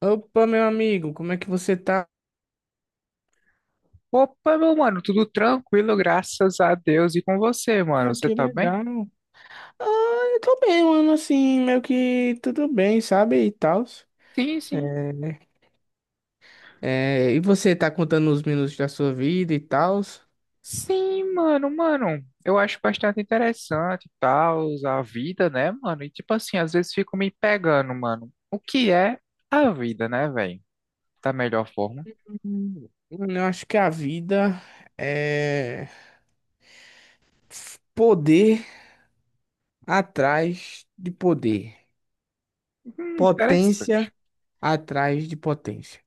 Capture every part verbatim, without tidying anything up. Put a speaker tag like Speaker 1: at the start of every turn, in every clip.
Speaker 1: Opa, meu amigo, como é que você tá?
Speaker 2: Opa, meu mano, tudo tranquilo, graças a Deus. E com você, mano?
Speaker 1: Ah,
Speaker 2: Você
Speaker 1: que
Speaker 2: tá bem?
Speaker 1: legal. Ah, eu tô bem, mano, assim, meio que tudo bem, sabe? E tal.
Speaker 2: Sim, sim.
Speaker 1: E você tá contando os minutos da sua vida e tal?
Speaker 2: Sim, mano, mano. Eu acho bastante interessante e tal, a vida, né, mano? E tipo assim, às vezes fico me pegando, mano. O que é a vida, né, velho? Da melhor forma.
Speaker 1: Eu acho que a vida é poder atrás de poder,
Speaker 2: Hum, interessante.
Speaker 1: potência atrás de potência.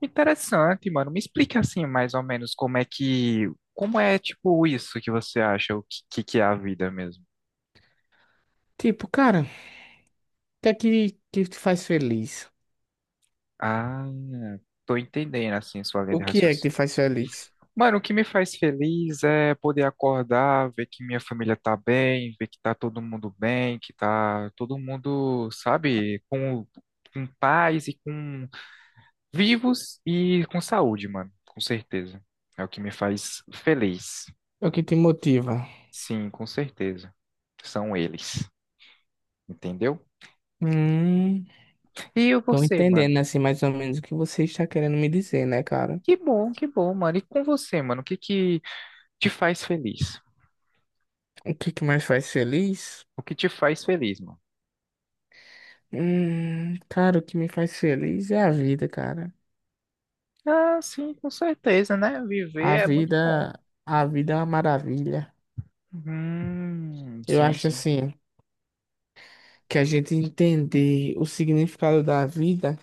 Speaker 2: Interessante, mano. Me explica assim, mais ou menos, como é que. Como é, tipo, isso que você acha, o que, que que é a vida mesmo?
Speaker 1: Tipo, cara, o que é que, que te faz feliz?
Speaker 2: Ah, tô entendendo, assim, sua linha
Speaker 1: O
Speaker 2: de
Speaker 1: que é que te
Speaker 2: raciocínio.
Speaker 1: faz feliz?
Speaker 2: Mano, o que me faz feliz é poder acordar, ver que minha família tá bem, ver que tá todo mundo bem, que tá todo mundo, sabe, com, com paz e com vivos e com saúde, mano, com certeza. É o que me faz feliz.
Speaker 1: É o que te motiva?
Speaker 2: Sim, com certeza. São eles, entendeu?
Speaker 1: Hum.
Speaker 2: E
Speaker 1: Tô
Speaker 2: você, mano?
Speaker 1: entendendo, assim, mais ou menos o que você está querendo me dizer, né, cara?
Speaker 2: Que bom, que bom, mano. E com você, mano? O que que te faz feliz?
Speaker 1: O que que mais faz feliz?
Speaker 2: O que te faz feliz, mano?
Speaker 1: Hum, cara, o que me faz feliz é a vida, cara.
Speaker 2: Ah, sim, com certeza, né? Viver
Speaker 1: A
Speaker 2: é muito bom.
Speaker 1: vida, a vida é uma maravilha.
Speaker 2: Hum,
Speaker 1: Eu
Speaker 2: sim,
Speaker 1: acho
Speaker 2: sim.
Speaker 1: assim, que a gente entender o significado da vida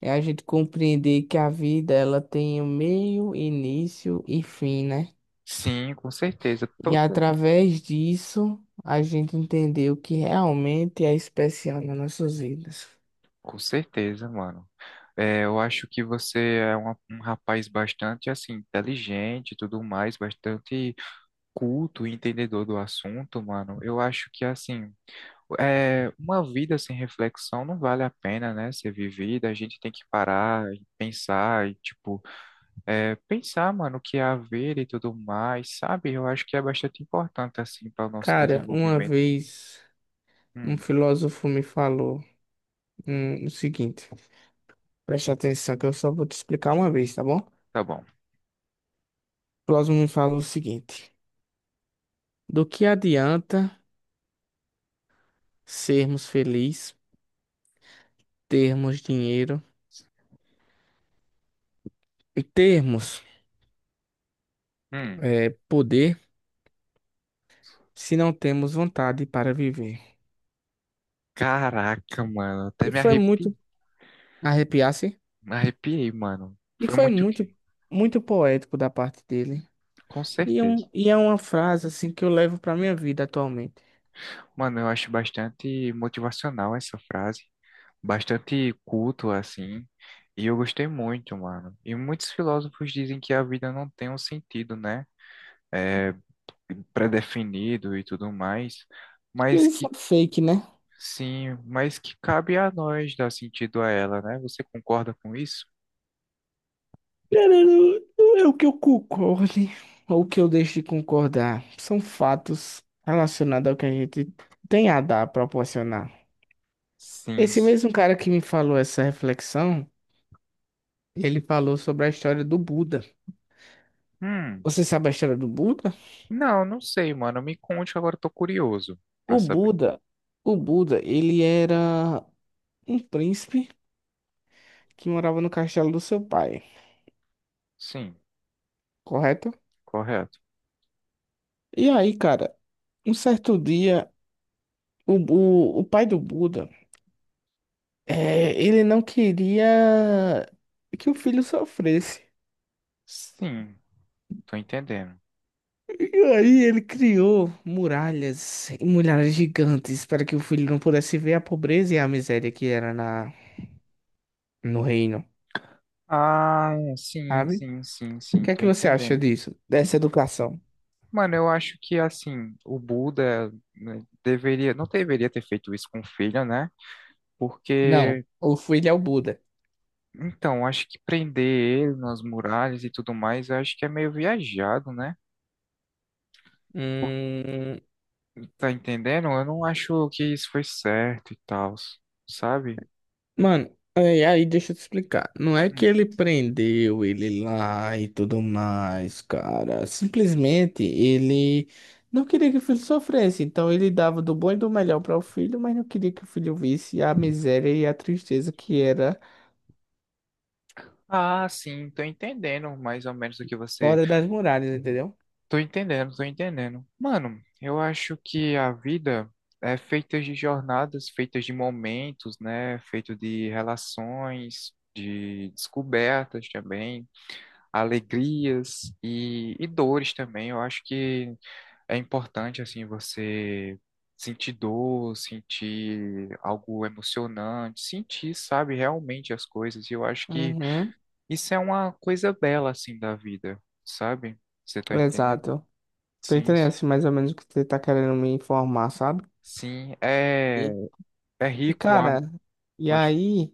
Speaker 1: é a gente compreender que a vida ela tem um meio, início e fim, né?
Speaker 2: Sim, com certeza.
Speaker 1: E
Speaker 2: Toda,
Speaker 1: através disso, a gente entender o que realmente é especial nas nossas vidas.
Speaker 2: com certeza, mano. É, eu acho que você é uma- um rapaz bastante assim, inteligente e tudo mais, bastante culto e entendedor do assunto, mano. Eu acho que assim, é, uma vida sem reflexão não vale a pena, né, ser vivida. A gente tem que parar e pensar e, tipo, é, pensar, mano, o que é a vida e tudo mais, sabe? Eu acho que é bastante importante, assim, para o nosso
Speaker 1: Cara, uma
Speaker 2: desenvolvimento.
Speaker 1: vez um
Speaker 2: Hum.
Speaker 1: filósofo me falou hum, o seguinte: preste atenção que eu só vou te explicar uma vez, tá bom? O
Speaker 2: Tá bom.
Speaker 1: filósofo me falou o seguinte: do que adianta sermos felizes, termos dinheiro e termos
Speaker 2: Hum.
Speaker 1: eh, poder, se não temos vontade para viver?
Speaker 2: Caraca, mano. Até
Speaker 1: E
Speaker 2: me
Speaker 1: foi
Speaker 2: arrepi...
Speaker 1: muito arrepiar-se,
Speaker 2: me arrepiei, mano.
Speaker 1: e
Speaker 2: Foi
Speaker 1: foi
Speaker 2: muito quê?
Speaker 1: muito, muito poético da parte dele.
Speaker 2: Com
Speaker 1: E,
Speaker 2: certeza.
Speaker 1: um, e é uma frase assim que eu levo para minha vida atualmente.
Speaker 2: Mano, eu acho bastante motivacional essa frase. Bastante culto, assim. E eu gostei muito, mano. E muitos filósofos dizem que a vida não tem um sentido, né? É definido e tudo mais.
Speaker 1: Acho que
Speaker 2: Mas
Speaker 1: isso é
Speaker 2: que,
Speaker 1: fake, né?
Speaker 2: sim, mas que cabe a nós dar sentido a ela, né? Você concorda com isso?
Speaker 1: Cara, não não é o que eu concorde ou o que eu deixo de concordar. São fatos relacionados ao que a gente tem a dar, a proporcionar.
Speaker 2: Sim,
Speaker 1: Esse
Speaker 2: sim.
Speaker 1: mesmo cara que me falou essa reflexão, ele falou sobre a história do Buda.
Speaker 2: Hum.
Speaker 1: Você sabe a história do Buda?
Speaker 2: Não, não sei, mano. Me conte que agora eu tô curioso pra
Speaker 1: O
Speaker 2: saber.
Speaker 1: Buda, o Buda, ele era um príncipe que morava no castelo do seu pai,
Speaker 2: Sim,
Speaker 1: correto?
Speaker 2: correto.
Speaker 1: E aí, cara, um certo dia, o, o, o pai do Buda, é, ele não queria que o filho sofresse.
Speaker 2: Sim, tô entendendo.
Speaker 1: E aí ele criou muralhas, e muralhas gigantes para que o filho não pudesse ver a pobreza e a miséria que era na, no reino,
Speaker 2: Ah, é, sim,
Speaker 1: sabe?
Speaker 2: sim, sim,
Speaker 1: O
Speaker 2: sim,
Speaker 1: que é
Speaker 2: tô
Speaker 1: que você acha
Speaker 2: entendendo.
Speaker 1: disso? Dessa educação?
Speaker 2: Mano, eu acho que assim, o Buda né, deveria, não deveria ter feito isso com o filho, né?
Speaker 1: Não,
Speaker 2: Porque,
Speaker 1: o filho é o Buda.
Speaker 2: então, acho que prender ele nas muralhas e tudo mais, eu acho que é meio viajado, né?
Speaker 1: Hum.
Speaker 2: Tá entendendo? Eu não acho que isso foi certo e tal, sabe?
Speaker 1: Mano, aí, aí deixa eu te explicar. Não é que
Speaker 2: Hum.
Speaker 1: ele prendeu ele lá e tudo mais, cara. Simplesmente ele não queria que o filho sofresse. Então ele dava do bom e do melhor para o filho, mas não queria que o filho visse a miséria e a tristeza que era
Speaker 2: Ah, sim, tô entendendo mais ou menos o que você.
Speaker 1: fora das muralhas, entendeu?
Speaker 2: Tô entendendo, tô entendendo. Mano, eu acho que a vida é feita de jornadas, feitas de momentos, né? Feito de relações, de descobertas também, alegrias e, e dores também. Eu acho que é importante, assim, você sentir dor, sentir algo emocionante, sentir, sabe, realmente as coisas. E eu acho que.
Speaker 1: Uhum,
Speaker 2: Isso é uma coisa bela, assim, da vida, sabe? Você tá entendendo?
Speaker 1: exato. Tô
Speaker 2: Sim,
Speaker 1: entendendo
Speaker 2: sim,
Speaker 1: assim, mais ou menos o que você tá querendo me informar, sabe?
Speaker 2: sim, é,
Speaker 1: E,
Speaker 2: é
Speaker 1: e,
Speaker 2: rir com a,
Speaker 1: cara, e
Speaker 2: pode-
Speaker 1: aí?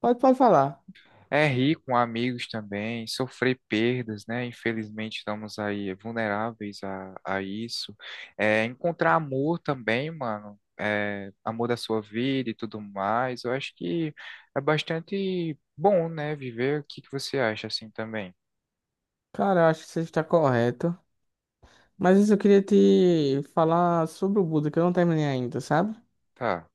Speaker 1: Pode, pode falar.
Speaker 2: é rir com amigos também, sofrer perdas, né? Infelizmente estamos aí vulneráveis a, a isso. É, encontrar amor também, mano. É, amor da sua vida e tudo mais. Eu acho que é bastante bom, né? Viver. O que que você acha assim também?
Speaker 1: Cara, eu acho que você está correto. Mas isso eu queria te falar sobre o Buda, que eu não terminei ainda, sabe?
Speaker 2: Tá.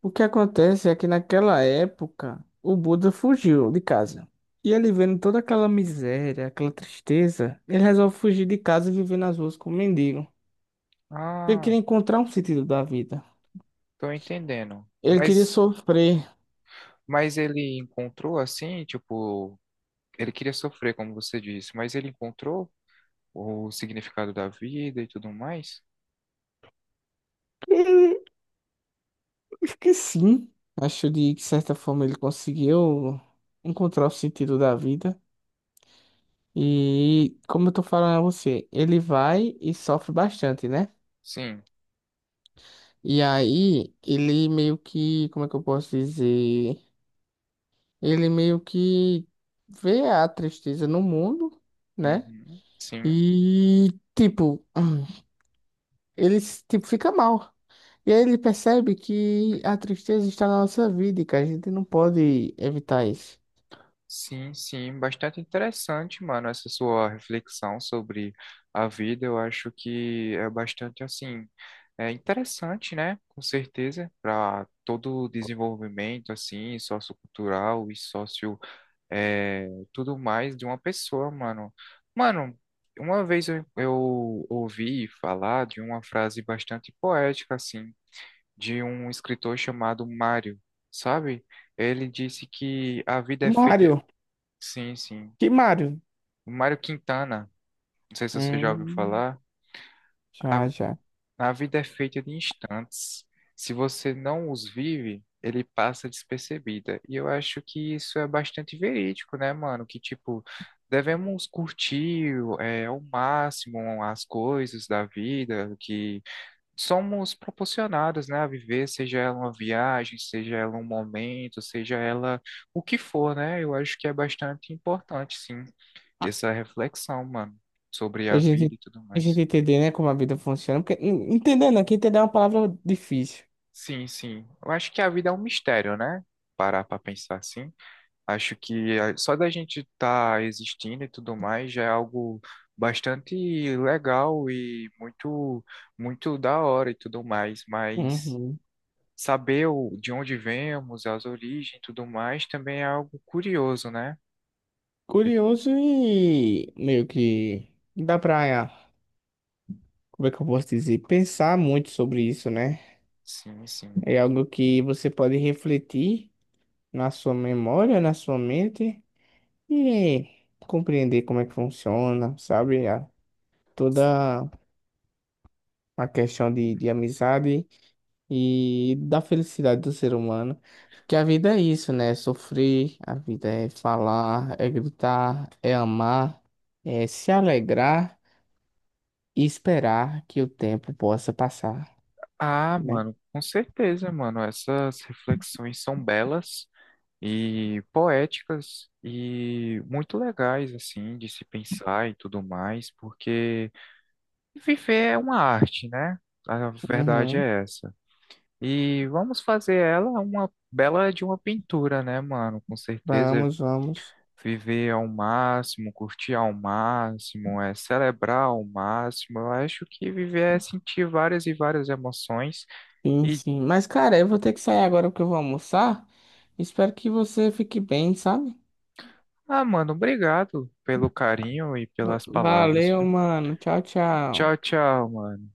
Speaker 1: O que acontece é que naquela época o Buda fugiu de casa. E ele vendo toda aquela miséria, aquela tristeza, ele resolve fugir de casa e viver nas ruas como mendigo. Ele
Speaker 2: Ah,
Speaker 1: queria encontrar um sentido da vida.
Speaker 2: tô entendendo.
Speaker 1: Ele queria
Speaker 2: Mas
Speaker 1: sofrer.
Speaker 2: Mas ele encontrou assim, tipo, ele queria sofrer, como você disse, mas ele encontrou o significado da vida e tudo mais?
Speaker 1: E que sim, acho de que certa forma ele conseguiu encontrar o sentido da vida. E como eu tô falando a você, ele vai e sofre bastante, né?
Speaker 2: Sim.
Speaker 1: E aí, ele meio que, como é que eu posso dizer? Ele meio que vê a tristeza no mundo, né?
Speaker 2: Uhum. Sim.
Speaker 1: E, tipo, ele, tipo, fica mal. E aí ele percebe que a tristeza está na nossa vida e que a gente não pode evitar isso.
Speaker 2: Sim, sim, bastante interessante, mano, essa sua reflexão sobre a vida. Eu acho que é bastante assim, é interessante, né? Com certeza, para todo o desenvolvimento assim, sociocultural e é, tudo mais de uma pessoa, mano. Mano, uma vez eu, eu ouvi falar de uma frase bastante poética, assim, de um escritor chamado Mário, sabe? Ele disse que a vida é feita.
Speaker 1: Mário,
Speaker 2: Sim, sim.
Speaker 1: que Mário?
Speaker 2: Mário Quintana, não sei se você já ouviu
Speaker 1: Hum,
Speaker 2: falar. A
Speaker 1: já, já.
Speaker 2: A vida é feita de instantes. Se você não os vive, ele passa despercebida. E eu acho que isso é bastante verídico, né, mano? Que, tipo, devemos curtir é, ao máximo as coisas da vida que somos proporcionados, né, a viver, seja ela uma viagem, seja ela um momento, seja ela o que for, né? Eu acho que é bastante importante, sim, essa reflexão, mano, sobre
Speaker 1: A
Speaker 2: a vida
Speaker 1: gente,
Speaker 2: e tudo
Speaker 1: a
Speaker 2: mais.
Speaker 1: gente entender, né, como a vida funciona. Porque, en- entender, não, que entender é uma palavra difícil.
Speaker 2: Sim, sim. Eu acho que a vida é um mistério, né? Parar pra pensar assim. Acho que a- só da gente estar existindo e tudo mais já é algo bastante legal e muito, muito da hora e tudo mais. Mas
Speaker 1: Uhum.
Speaker 2: saber o- de onde vemos, as origens e tudo mais também é algo curioso, né? E-
Speaker 1: Curioso e meio que dá pra, como é que eu posso dizer, pensar muito sobre isso, né?
Speaker 2: sim, sim.
Speaker 1: É algo que você pode refletir na sua memória, na sua mente e compreender como é que funciona, sabe? A toda a questão de, de amizade e da felicidade do ser humano. Porque a vida é isso, né? É sofrer, a vida é falar, é gritar, é amar, é se alegrar. E esperar que o tempo possa passar,
Speaker 2: Ah,
Speaker 1: né?
Speaker 2: mano, com certeza, mano. Essas reflexões são belas e poéticas e muito legais assim de se pensar e tudo mais, porque viver é uma arte, né? A verdade
Speaker 1: Uhum.
Speaker 2: é essa. E vamos fazer ela uma bela de uma pintura, né, mano? Com certeza
Speaker 1: Vamos, vamos.
Speaker 2: viver ao máximo, curtir ao máximo, é celebrar ao máximo. Eu acho que viver é sentir várias e várias emoções
Speaker 1: Sim,
Speaker 2: e
Speaker 1: sim. Mas, cara, eu vou ter que sair agora porque eu vou almoçar. Espero que você fique bem, sabe?
Speaker 2: ah, mano, obrigado pelo carinho e
Speaker 1: Va-
Speaker 2: pelas palavras,
Speaker 1: Valeu,
Speaker 2: viu?
Speaker 1: mano. Tchau, tchau.
Speaker 2: Tchau, tchau, mano.